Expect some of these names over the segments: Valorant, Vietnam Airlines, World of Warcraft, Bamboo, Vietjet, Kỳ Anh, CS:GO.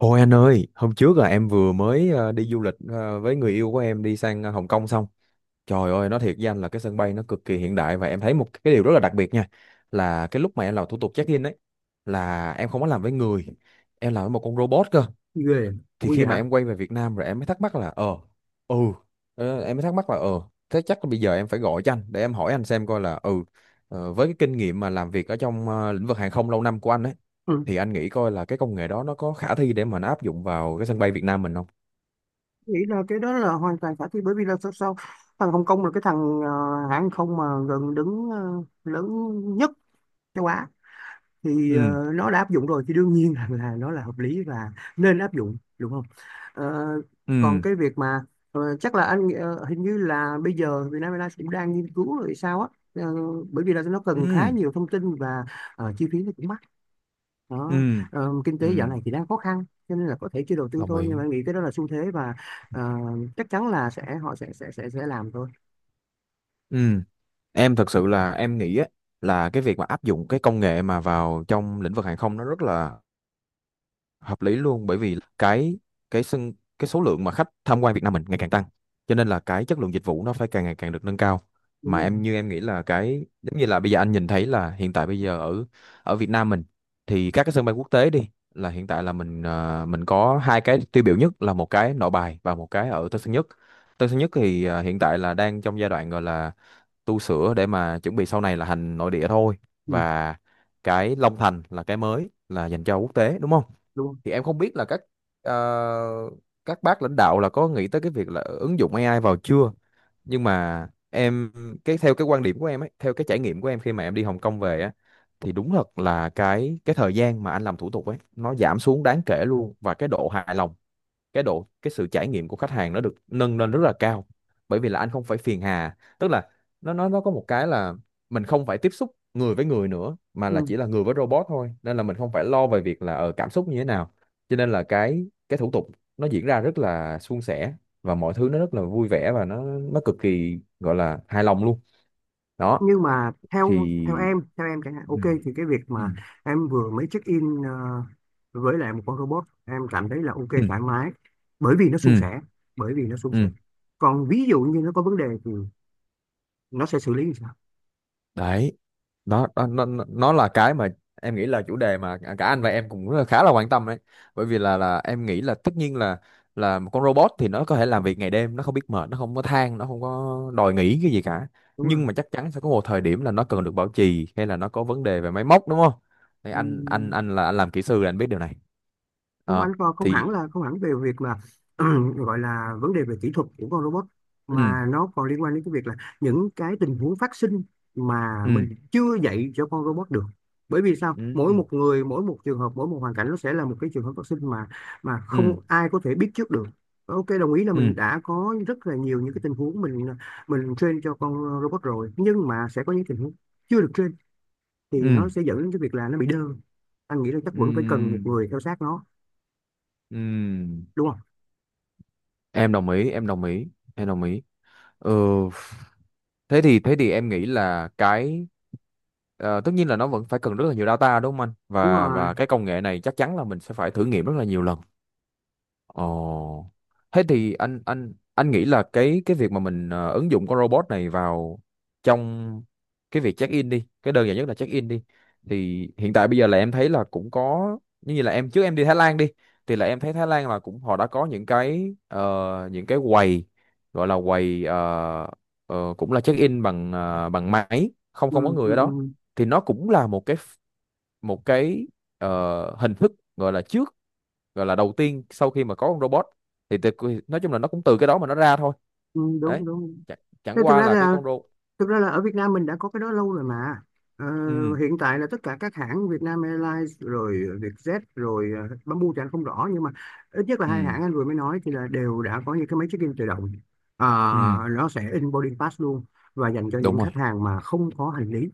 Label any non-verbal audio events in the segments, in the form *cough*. Ôi anh ơi, hôm trước là em vừa mới đi du lịch với người yêu của em đi sang Hồng Kông xong. Trời ơi, nói thiệt với anh là cái sân bay nó cực kỳ hiện đại và em thấy một cái điều rất là đặc biệt nha. Là cái lúc mà em làm thủ tục check-in ấy, là em không có làm với người, em làm với một con robot cơ. Ghê. Thì Ui, khi vậy mà hả? em quay về Việt Nam rồi em mới thắc mắc là ừ. Em mới thắc mắc là thế chắc là bây giờ em phải gọi cho anh để em hỏi anh xem coi là ừ. Với cái kinh nghiệm mà làm việc ở trong lĩnh vực hàng không lâu năm của anh ấy, Ừ. thì anh nghĩ coi là cái công nghệ đó nó có khả thi để mà nó áp dụng vào cái sân bay Việt Nam mình không. Nghĩ là cái đó là hoàn toàn khả thi, bởi vì là sao sao thằng Hồng Kông là cái thằng hãng không mà gần đứng lớn nhất châu Á, thì Ừ, nó đã áp dụng rồi, thì đương nhiên *laughs* là nó là hợp lý và nên áp dụng, đúng không? Ờ, Còn ừ, cái việc mà chắc là hình như là bây giờ Vietnam Airlines cũng đang nghiên cứu rồi sao á. Ờ, Bởi vì là nó cần khá ừ, nhiều thông tin và chi phí nó cũng mắc ừ, đó. Kinh ừ, tế dạo này thì đang khó khăn cho nên là có thể chưa đầu tư đồng thôi, ý, nhưng mà em nghĩ cái đó là xu thế và ờ, chắc chắn là họ sẽ làm thôi. ừ. Em thật sự là em nghĩ á, là cái việc mà áp dụng cái công nghệ mà vào trong lĩnh vực hàng không nó rất là hợp lý luôn, bởi vì cái sân cái số lượng mà khách tham quan Việt Nam mình ngày càng tăng, cho nên là cái chất lượng dịch vụ nó phải càng ngày càng được nâng cao. Đúng Mà không? em như em nghĩ là cái giống như là bây giờ anh nhìn thấy là hiện tại bây giờ ở ở Việt Nam mình, thì các cái sân bay quốc tế đi là hiện tại là mình à, mình có hai cái tiêu biểu nhất là một cái Nội Bài và một cái ở Tân Sơn Nhất. Tân Sơn Nhất thì à, hiện tại là đang trong giai đoạn gọi là tu sửa để mà chuẩn bị sau này là hành nội địa thôi. Ừ, Và cái Long Thành là cái mới là dành cho quốc tế, đúng không? đúng không? Thì em không biết là các ờ, các bác lãnh đạo là có nghĩ tới cái việc là ứng dụng AI vào chưa. Nhưng mà em cái theo cái quan điểm của em ấy, theo cái trải nghiệm của em khi mà em đi Hồng Kông về á, thì đúng thật là cái thời gian mà anh làm thủ tục ấy nó giảm xuống đáng kể luôn. Và cái độ hài lòng, cái độ cái sự trải nghiệm của khách hàng nó được nâng lên rất là cao, bởi vì là anh không phải phiền hà, tức là nó có một cái là mình không phải tiếp xúc người với người nữa mà là Ừ. chỉ là người với robot thôi, nên là mình không phải lo về việc là cảm xúc như thế nào. Cho nên là cái thủ tục nó diễn ra rất là suôn sẻ, và mọi thứ nó rất là vui vẻ và nó cực kỳ gọi là hài lòng luôn. Đó Nhưng mà theo thì theo em chẳng hạn, ừ, ok, thì cái việc ừ, mà em vừa mới check in với lại một con robot, em cảm thấy là ok, ừ, thoải mái, bởi vì nó suôn ừ, sẻ. Bởi vì nó suôn sẻ ừ. Còn ví dụ như nó có vấn đề thì nó sẽ xử lý như sao? Đấy, nó là cái mà em nghĩ là chủ đề mà cả anh và em cũng rất là- khá là quan tâm đấy. Bởi vì là em nghĩ là tất nhiên là một con robot thì nó có thể làm việc ngày đêm, nó không biết mệt, nó không có than, nó không có đòi nghỉ cái gì cả. Đúng không? Nhưng mà chắc chắn sẽ có một thời điểm là nó cần được bảo trì hay là nó có vấn đề về máy móc, đúng không? Thì Ừ. anh là anh làm kỹ sư là anh biết điều này. Không, Ờ, anh còn không hẳn thì là không hẳn về việc mà *clears throat* gọi là vấn đề về kỹ thuật của con robot, ừ, mà nó còn liên quan đến cái việc là những cái tình huống phát sinh mà ừ, mình chưa dạy cho con robot được. Bởi vì sao, ừ, mỗi ừ, một người, mỗi một trường hợp, mỗi một hoàn cảnh, nó sẽ là một cái trường hợp phát sinh mà ừ, không ai có thể biết trước được. Ok, đồng ý là ừ, mình đã có rất là nhiều những cái tình huống, mình train cho con robot rồi, nhưng mà sẽ có những tình huống chưa được train, thì ừ, nó sẽ dẫn đến cái việc là nó bị đơ. Anh nghĩ là chắc vẫn phải cần một ừ, người theo sát nó, ừ. đúng không? Em đồng ý, em đồng ý, em đồng ý. Ừ, thế thì em nghĩ là cái tất nhiên là nó vẫn phải cần rất là nhiều data, đúng không anh? Đúng Và rồi. và cái công nghệ này chắc chắn là mình sẽ phải thử nghiệm rất là nhiều lần. Ồ. Thế thì anh nghĩ là cái việc mà mình ứng dụng con robot này vào trong cái việc check in đi, cái đơn giản nhất là check in đi. Thì hiện tại bây giờ là em thấy là cũng có như như là em trước em đi Thái Lan đi, thì là em thấy Thái Lan là cũng họ đã có những cái những cái quầy gọi là quầy cũng là check in bằng bằng máy, không Ừ, không có người ừ, ở đó. ừ, Thì nó cũng là một cái hình thức gọi là trước, gọi là đầu tiên sau khi mà có con robot, thì từ, nói chung là nó cũng từ cái đó mà nó ra thôi. ừ, Đấy, đúng, đúng. chẳng, Thế chẳng thực qua ra là cái là con robot. Thực ra là ở Việt Nam mình đã có cái đó lâu rồi mà. Ờ, Ừ, Hiện tại là tất cả các hãng, Vietnam Airlines rồi, Vietjet rồi, Bamboo thì anh không rõ, nhưng mà ít nhất là ừ, hai hãng anh vừa mới nói thì là đều đã có những cái máy check-in tự động. Ờ, ừ. nó sẽ in boarding pass luôn, và dành cho Đúng những rồi. khách hàng mà không có hành lý.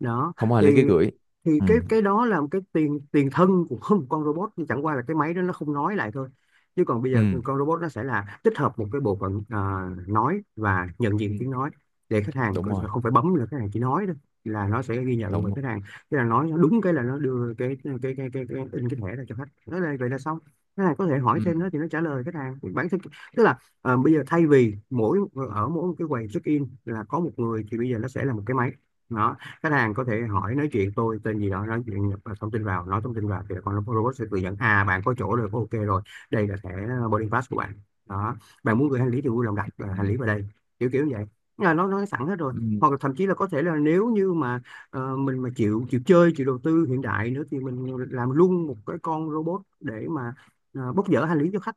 Đó. Không ai thì lấy cái gửi. thì Ừ, cái đó là một cái tiền tiền thân của *laughs* một con robot, nhưng chẳng qua là cái máy đó nó không nói lại thôi. Chứ còn bây giờ ừ, con robot nó sẽ là tích hợp một cái bộ phận nói và nhận ừ. diện tiếng nói, để khách hàng Đúng rồi, không phải bấm, là khách hàng chỉ nói đó, là nó sẽ ghi nhận đúng và rồi. khách hàng, thế là nói nó đúng cái là nó đưa cái in cái thẻ ra cho khách. Nói là vậy là xong. Khách hàng có thể hỏi Ừ, thêm nữa thì nó trả lời khách hàng bản thân. Tức là bây giờ, thay vì ở mỗi một cái quầy check in là có một người, thì bây giờ nó sẽ là một cái máy. Đó, khách hàng có thể hỏi, nói chuyện tôi tên gì đó, nói chuyện nhập thông tin vào, nói thông tin vào, thì con robot sẽ tự dẫn: à, bạn có chỗ rồi, có ok rồi, đây là thẻ boarding pass của bạn. Đó, bạn muốn gửi hành lý thì vui lòng đặt ừ, hành lý vào đây. Kiểu kiểu như vậy, là nó sẵn hết rồi. ừ, Hoặc là thậm chí là có thể là nếu như mà mình mà chịu chịu chơi chịu đầu tư hiện đại nữa, thì mình làm luôn một cái con robot để mà bốc dỡ hành lý cho khách.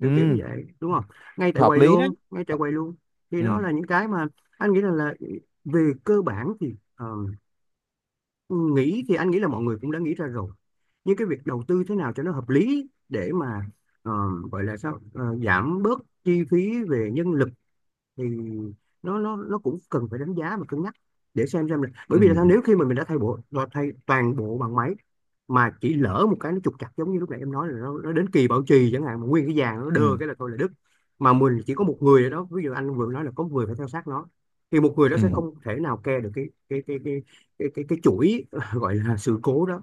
Kiểu kiểu như ừ. vậy, đúng không? Ngay tại Hợp quầy lý đấy. luôn, ngay tại quầy luôn. Thì Ừ, đó là những cái mà anh nghĩ là về cơ bản thì thì anh nghĩ là mọi người cũng đã nghĩ ra rồi, nhưng cái việc đầu tư thế nào cho nó hợp lý để mà ờ, gọi là sao, giảm bớt chi phí về nhân lực, thì nó cũng cần phải đánh giá và cân nhắc, để xem là bởi ừ, vì là sao, nếu khi mà mình đã thay toàn bộ bằng máy, mà chỉ lỡ một cái nó trục trặc, giống như lúc nãy em nói, là nó đến kỳ bảo trì chẳng hạn, mà nguyên cái vàng nó đơ ừ, cái là thôi là đứt, mà mình chỉ có một người ở đó, ví dụ anh vừa nói là có một người phải theo sát nó, thì một người đó sẽ ừ, không thể nào care được cái chuỗi *laughs* gọi là sự cố đó,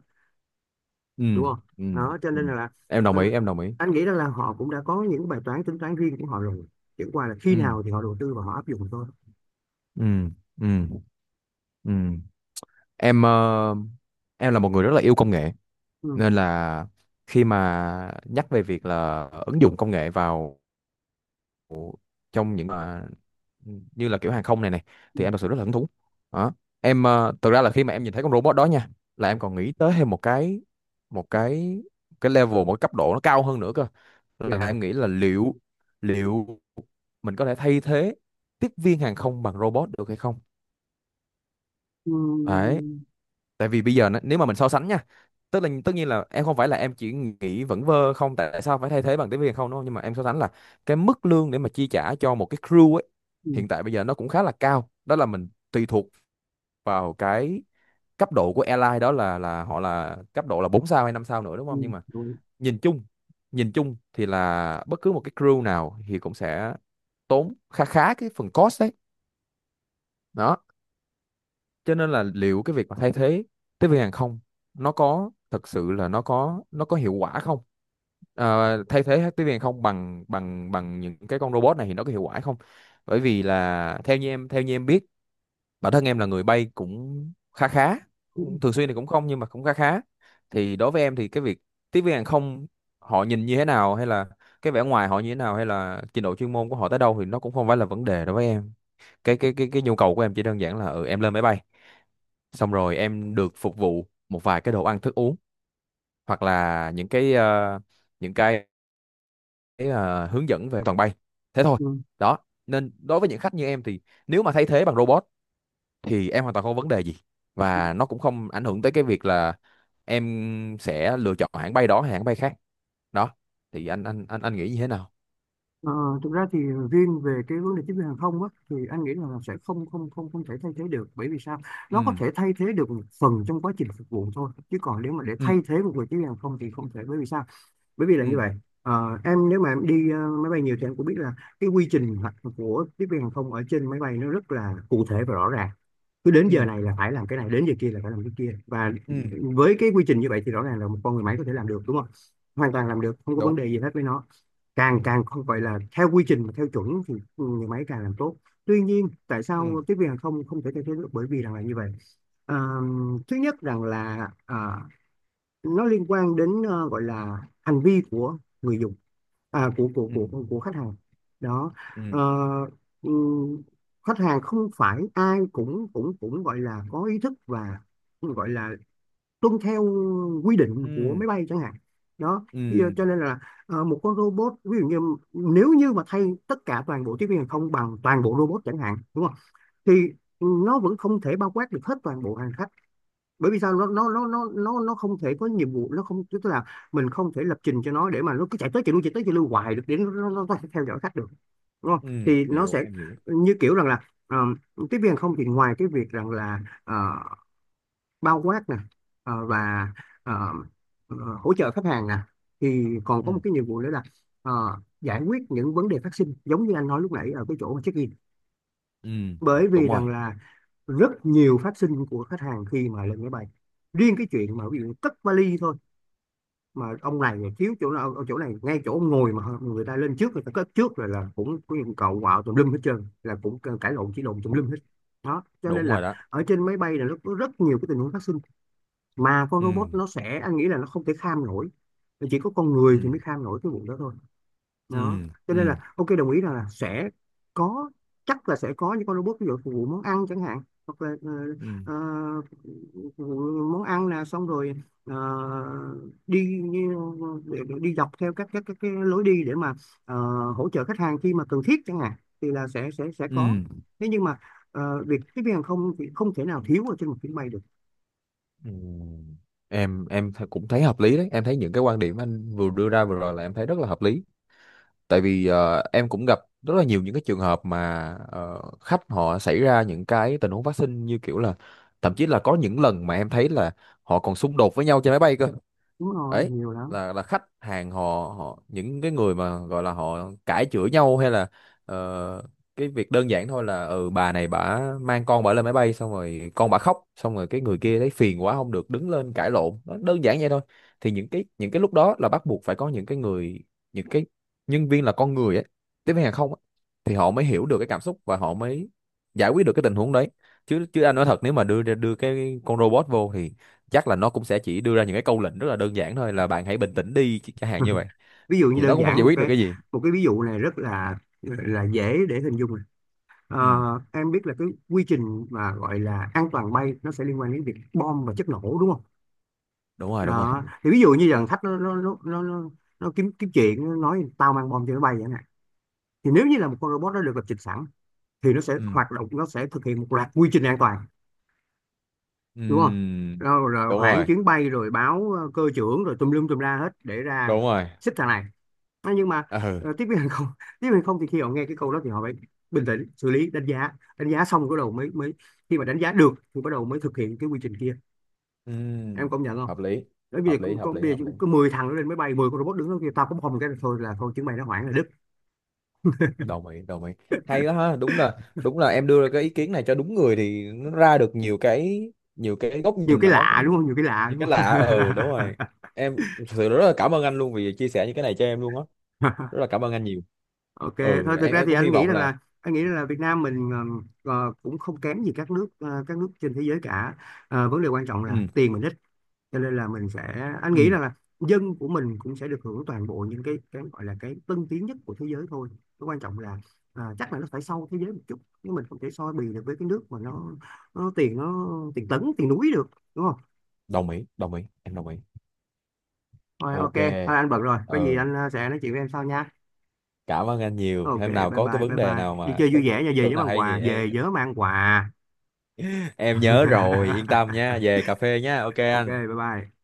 ừ, đúng không? ừ, Đó cho ừ. nên là Em đồng ờ, ý, em đồng ý. anh nghĩ rằng là họ cũng đã có những bài toán tính toán riêng của họ rồi, chẳng qua là khi Ừ, nào thì họ đầu tư và họ áp dụng thôi. ừ, ừ, ừ. Em ờ, em là một người rất là yêu công nghệ, Ừ, nên là khi mà nhắc về việc là ứng dụng công nghệ vào trong những mà như là kiểu hàng không này này, ừ, thì em thật sự rất là hứng thú. Đó, thực ra là khi mà em nhìn thấy con robot đó nha, là em còn nghĩ tới thêm một cái một cái cấp độ nó cao hơn nữa cơ, là vậy hả? em nghĩ là liệu liệu mình có thể thay thế tiếp viên hàng không bằng robot được hay không. Ừ, Đấy, tại vì bây giờ nếu mà mình so sánh nha, tức là tất nhiên là em không phải là em chỉ nghĩ vẫn vơ không tại sao phải thay thế bằng tiếng Việt không đúng không, nhưng mà em so sánh là cái mức lương để mà chi trả cho một cái crew ấy ừ, hiện tại bây giờ nó cũng khá là cao, đó là mình tùy thuộc vào cái cấp độ của airline đó là họ là cấp độ là 4 sao hay 5 sao nữa, đúng ừ, không? Nhưng mà đúng. nhìn chung nhìn chung thì là bất cứ một cái crew nào thì cũng sẽ tốn khá khá cái phần cost đấy. Đó cho nên là liệu cái việc mà thay thế tiếp viên hàng không nó có thật sự là nó có hiệu quả không. Thay thế hết tiếp viên hàng không bằng bằng bằng những cái con robot này thì nó có hiệu quả không, bởi vì là theo như em biết, bản thân em là người bay cũng khá khá, Ừ. Thường xuyên thì cũng không, nhưng mà cũng khá khá. Thì đối với em thì cái việc tiếp viên hàng không họ nhìn như thế nào hay là cái vẻ ngoài họ như thế nào hay là trình độ chuyên môn của họ tới đâu thì nó cũng không phải là vấn đề đối với em. Cái nhu cầu của em chỉ đơn giản là ừ, em lên máy bay xong rồi em được phục vụ một vài cái đồ ăn thức uống, hoặc là những cái những cái ờ, hướng dẫn về an toàn bay, thế thôi. Ừ. Đó, nên đối với những khách như em thì nếu mà thay thế bằng robot thì em hoàn toàn không có vấn đề gì, và nó cũng không ảnh hưởng tới cái việc là em sẽ lựa chọn hãng bay đó hay hãng bay khác. Đó thì anh nghĩ như thế nào? Ờ, Thực ra thì riêng về cái vấn đề tiếp viên hàng không á, thì anh nghĩ là sẽ không không không không thể thay thế được, bởi vì sao. Ừ, Nó có thể thay thế được một phần trong quá trình phục vụ thôi, chứ còn nếu mà để thay ừ, thế một người tiếp viên hàng không thì không thể, bởi vì sao, bởi vì là như ừ, vậy. Em, nếu mà em đi máy bay nhiều thì em cũng biết là cái quy trình của tiếp viên hàng không ở trên máy bay nó rất là cụ thể và rõ ràng, cứ đến ừ, giờ này là phải làm cái này, đến giờ kia là phải làm cái kia. Và ừ, với cái quy trình như vậy thì rõ ràng là một con người máy có thể làm được, đúng không? Hoàn toàn làm được, không có vấn đúng, đề gì hết với nó. Càng càng không phải là theo quy trình, mà theo chuẩn thì người máy càng làm tốt. Tuy nhiên tại ừ, sao tiếp viên hàng không không thể thay thế được, bởi vì rằng là như vậy. Ờ, Thứ nhất rằng là nó liên quan đến gọi là hành vi của người dùng, à, của của ừ, của của khách hàng. Đó. ừ, Ờ, ừm, Khách hàng không phải ai cũng cũng cũng gọi là có ý thức và gọi là tuân theo quy định của ừ, máy bay chẳng hạn. Đó. Bây giờ ừ, cho nên là một con robot, ví dụ như, nếu như mà thay tất cả toàn bộ tiếp viên hàng không bằng toàn bộ robot chẳng hạn, đúng không? Thì nó vẫn không thể bao quát được hết toàn bộ hành khách. Bởi vì sao, nó không thể có nhiệm vụ, nó không, tức là mình không thể lập trình cho nó để mà nó cứ chạy tới chạy lui, chạy tới chạy lui hoài được, để nó có thể theo dõi khách được, đúng không? ừ, Thì nó hiểu, sẽ em hiểu. như kiểu rằng là ờ, tiếp viên hàng không thì ngoài cái việc rằng là bao quát nè, và ờ, hỗ trợ khách hàng nè, thì còn Ừ, có một cái nhiệm vụ nữa là ờ, giải quyết những vấn đề phát sinh, giống như anh nói lúc nãy ở cái chỗ check-in. ừ, Bởi đúng vì rồi, rằng là rất nhiều phát sinh của khách hàng khi mà lên máy bay, riêng cái chuyện mà ví dụ cất vali thôi, mà ông này thiếu chỗ nào ở chỗ này, ngay chỗ ông ngồi mà người ta lên trước người ta cất trước rồi, là cũng có những cậu quạo tùm lum hết trơn, là cũng cãi lộn chỉ lộn tùm lum hết. Đó cho nên đúng rồi. là Đó, ở trên máy bay là nó có rất nhiều cái tình huống phát sinh, mà con ừ, robot nó sẽ, anh nghĩ là nó không thể kham nổi, chỉ có con ừ, người thì mới kham nổi cái vụ đó thôi. ừ, Đó cho nên ừ, là ok, đồng ý rằng là sẽ có, chắc là sẽ có những con robot ví dụ phục vụ món ăn chẳng hạn, hoặc là ừ, ờ, phục vụ món ăn là xong rồi đi, để đi dọc theo các cái lối đi để mà ờ, hỗ trợ khách hàng khi mà cần thiết chẳng hạn, thì là sẽ ừ, có. Thế nhưng mà việc tiếp viên hàng không thì không thể nào thiếu ở trên một chuyến bay được. ừ. Em cũng thấy hợp lý đấy, em thấy những cái quan điểm anh vừa đưa ra vừa rồi là em thấy rất là hợp lý, tại vì em cũng gặp rất là nhiều những cái trường hợp mà khách họ xảy ra những cái tình huống phát sinh như kiểu là thậm chí là có những lần mà em thấy là họ còn xung đột với nhau trên máy bay cơ Đúng rồi, ấy. nhiều lắm. Là khách hàng họ họ những cái người mà gọi là họ cãi chửi nhau hay là ờ, cái việc đơn giản thôi là ừ bà này bả mang con bả lên máy bay xong rồi con bả khóc xong rồi cái người kia thấy phiền quá không được đứng lên cãi lộn, nó đơn giản vậy thôi. Thì những cái lúc đó là bắt buộc phải có những cái người, những cái nhân viên là con người ấy, tiếp viên hàng không ấy, thì họ mới hiểu được cái cảm xúc và họ mới giải quyết được cái tình huống đấy. Chứ chứ anh nói thật nếu mà đưa ra đưa cái con robot vô thì chắc là nó cũng sẽ chỉ đưa ra những cái câu lệnh rất là đơn giản thôi là bạn hãy bình tĩnh đi chẳng hạn như *laughs* vậy, Ví dụ như thì nó đơn cũng không giản giải một quyết được cái cái gì. một cái ví dụ này rất là dễ để hình dung. Ờ, Ừ, em biết là cái quy trình mà gọi là an toàn bay nó sẽ liên quan đến việc bom và chất nổ, đúng không? đúng rồi, đúng rồi. Đó. Thì ví dụ như dàn khách nó kiếm kiếm chuyện, nó nói tao mang bom cho nó bay vậy nè. Thì nếu như là một con robot nó được lập trình sẵn thì nó sẽ Ừ, hoạt động, nó sẽ thực hiện một loạt quy trình an toàn, đúng không? ừ, Rồi, đúng hoãn rồi, chuyến bay, rồi báo cơ trưởng, rồi tùm lum tùm la hết để ra đúng rồi. xích thằng này. Thế nhưng mà Ừ, tiếp viên hàng không *laughs* tiếp viên hàng không thì khi họ nghe cái câu đó thì họ phải bình tĩnh xử lý, Đánh giá xong bắt đầu mới mới khi mà đánh giá được thì bắt đầu mới thực hiện cái quy trình kia. ừ, Em công nhận không? hợp lý, Bởi vì hợp lý, hợp lý, bây hợp giờ lý, có 10 thằng nó lên máy bay, 10 con robot đứng đó, kia tao cũng không, cái thôi là thôi, chứng mày nó hoảng là đứt. đồng ý, đồng ý. Hay quá ha, đúng là em đưa ra cái ý kiến này cho đúng người thì nó ra được nhiều cái, nhiều cái góc Nhiều nhìn cái mà nó lạ đúng không, cũng nhiều cái lạ nhiều đúng cái không? lạ. Ừ, đúng rồi. Em thực sự rất là cảm ơn anh luôn vì chia sẻ những cái này cho em luôn á, rất là *laughs* cảm ơn anh nhiều. Ok thôi, Ừ, thực em ra em thì cũng hy anh nghĩ vọng rằng là là anh nghĩ rằng là Việt Nam mình cũng không kém gì các nước trên thế giới cả. Vấn đề quan trọng là ừ. tiền mình ít, cho nên là mình sẽ, anh Ừ, nghĩ rằng là dân của mình cũng sẽ được hưởng toàn bộ những cái gọi là cái tân tiến nhất của thế giới thôi. Cái quan trọng là chắc là nó phải sau thế giới một chút, nhưng mình không thể so bì được với cái nước mà nó tiền, nó tiền tấn tiền núi được, đúng không? Đồng ý, em đồng ý. Rồi ok Ok. thôi, anh bận rồi, có gì Ừ, anh sẽ nói chuyện với em sau nha. cảm ơn anh nhiều. Ok, Hôm nào bye có cái bye vấn bye đề bye, nào đi mà chơi có vui cái vẻ nha, ý về tưởng nhớ nào mang hay quà, thì về em nhớ mang quà. *laughs* em nhớ rồi, yên tâm nha, về *laughs* cà phê nha. Ok Ok, bye anh. bye.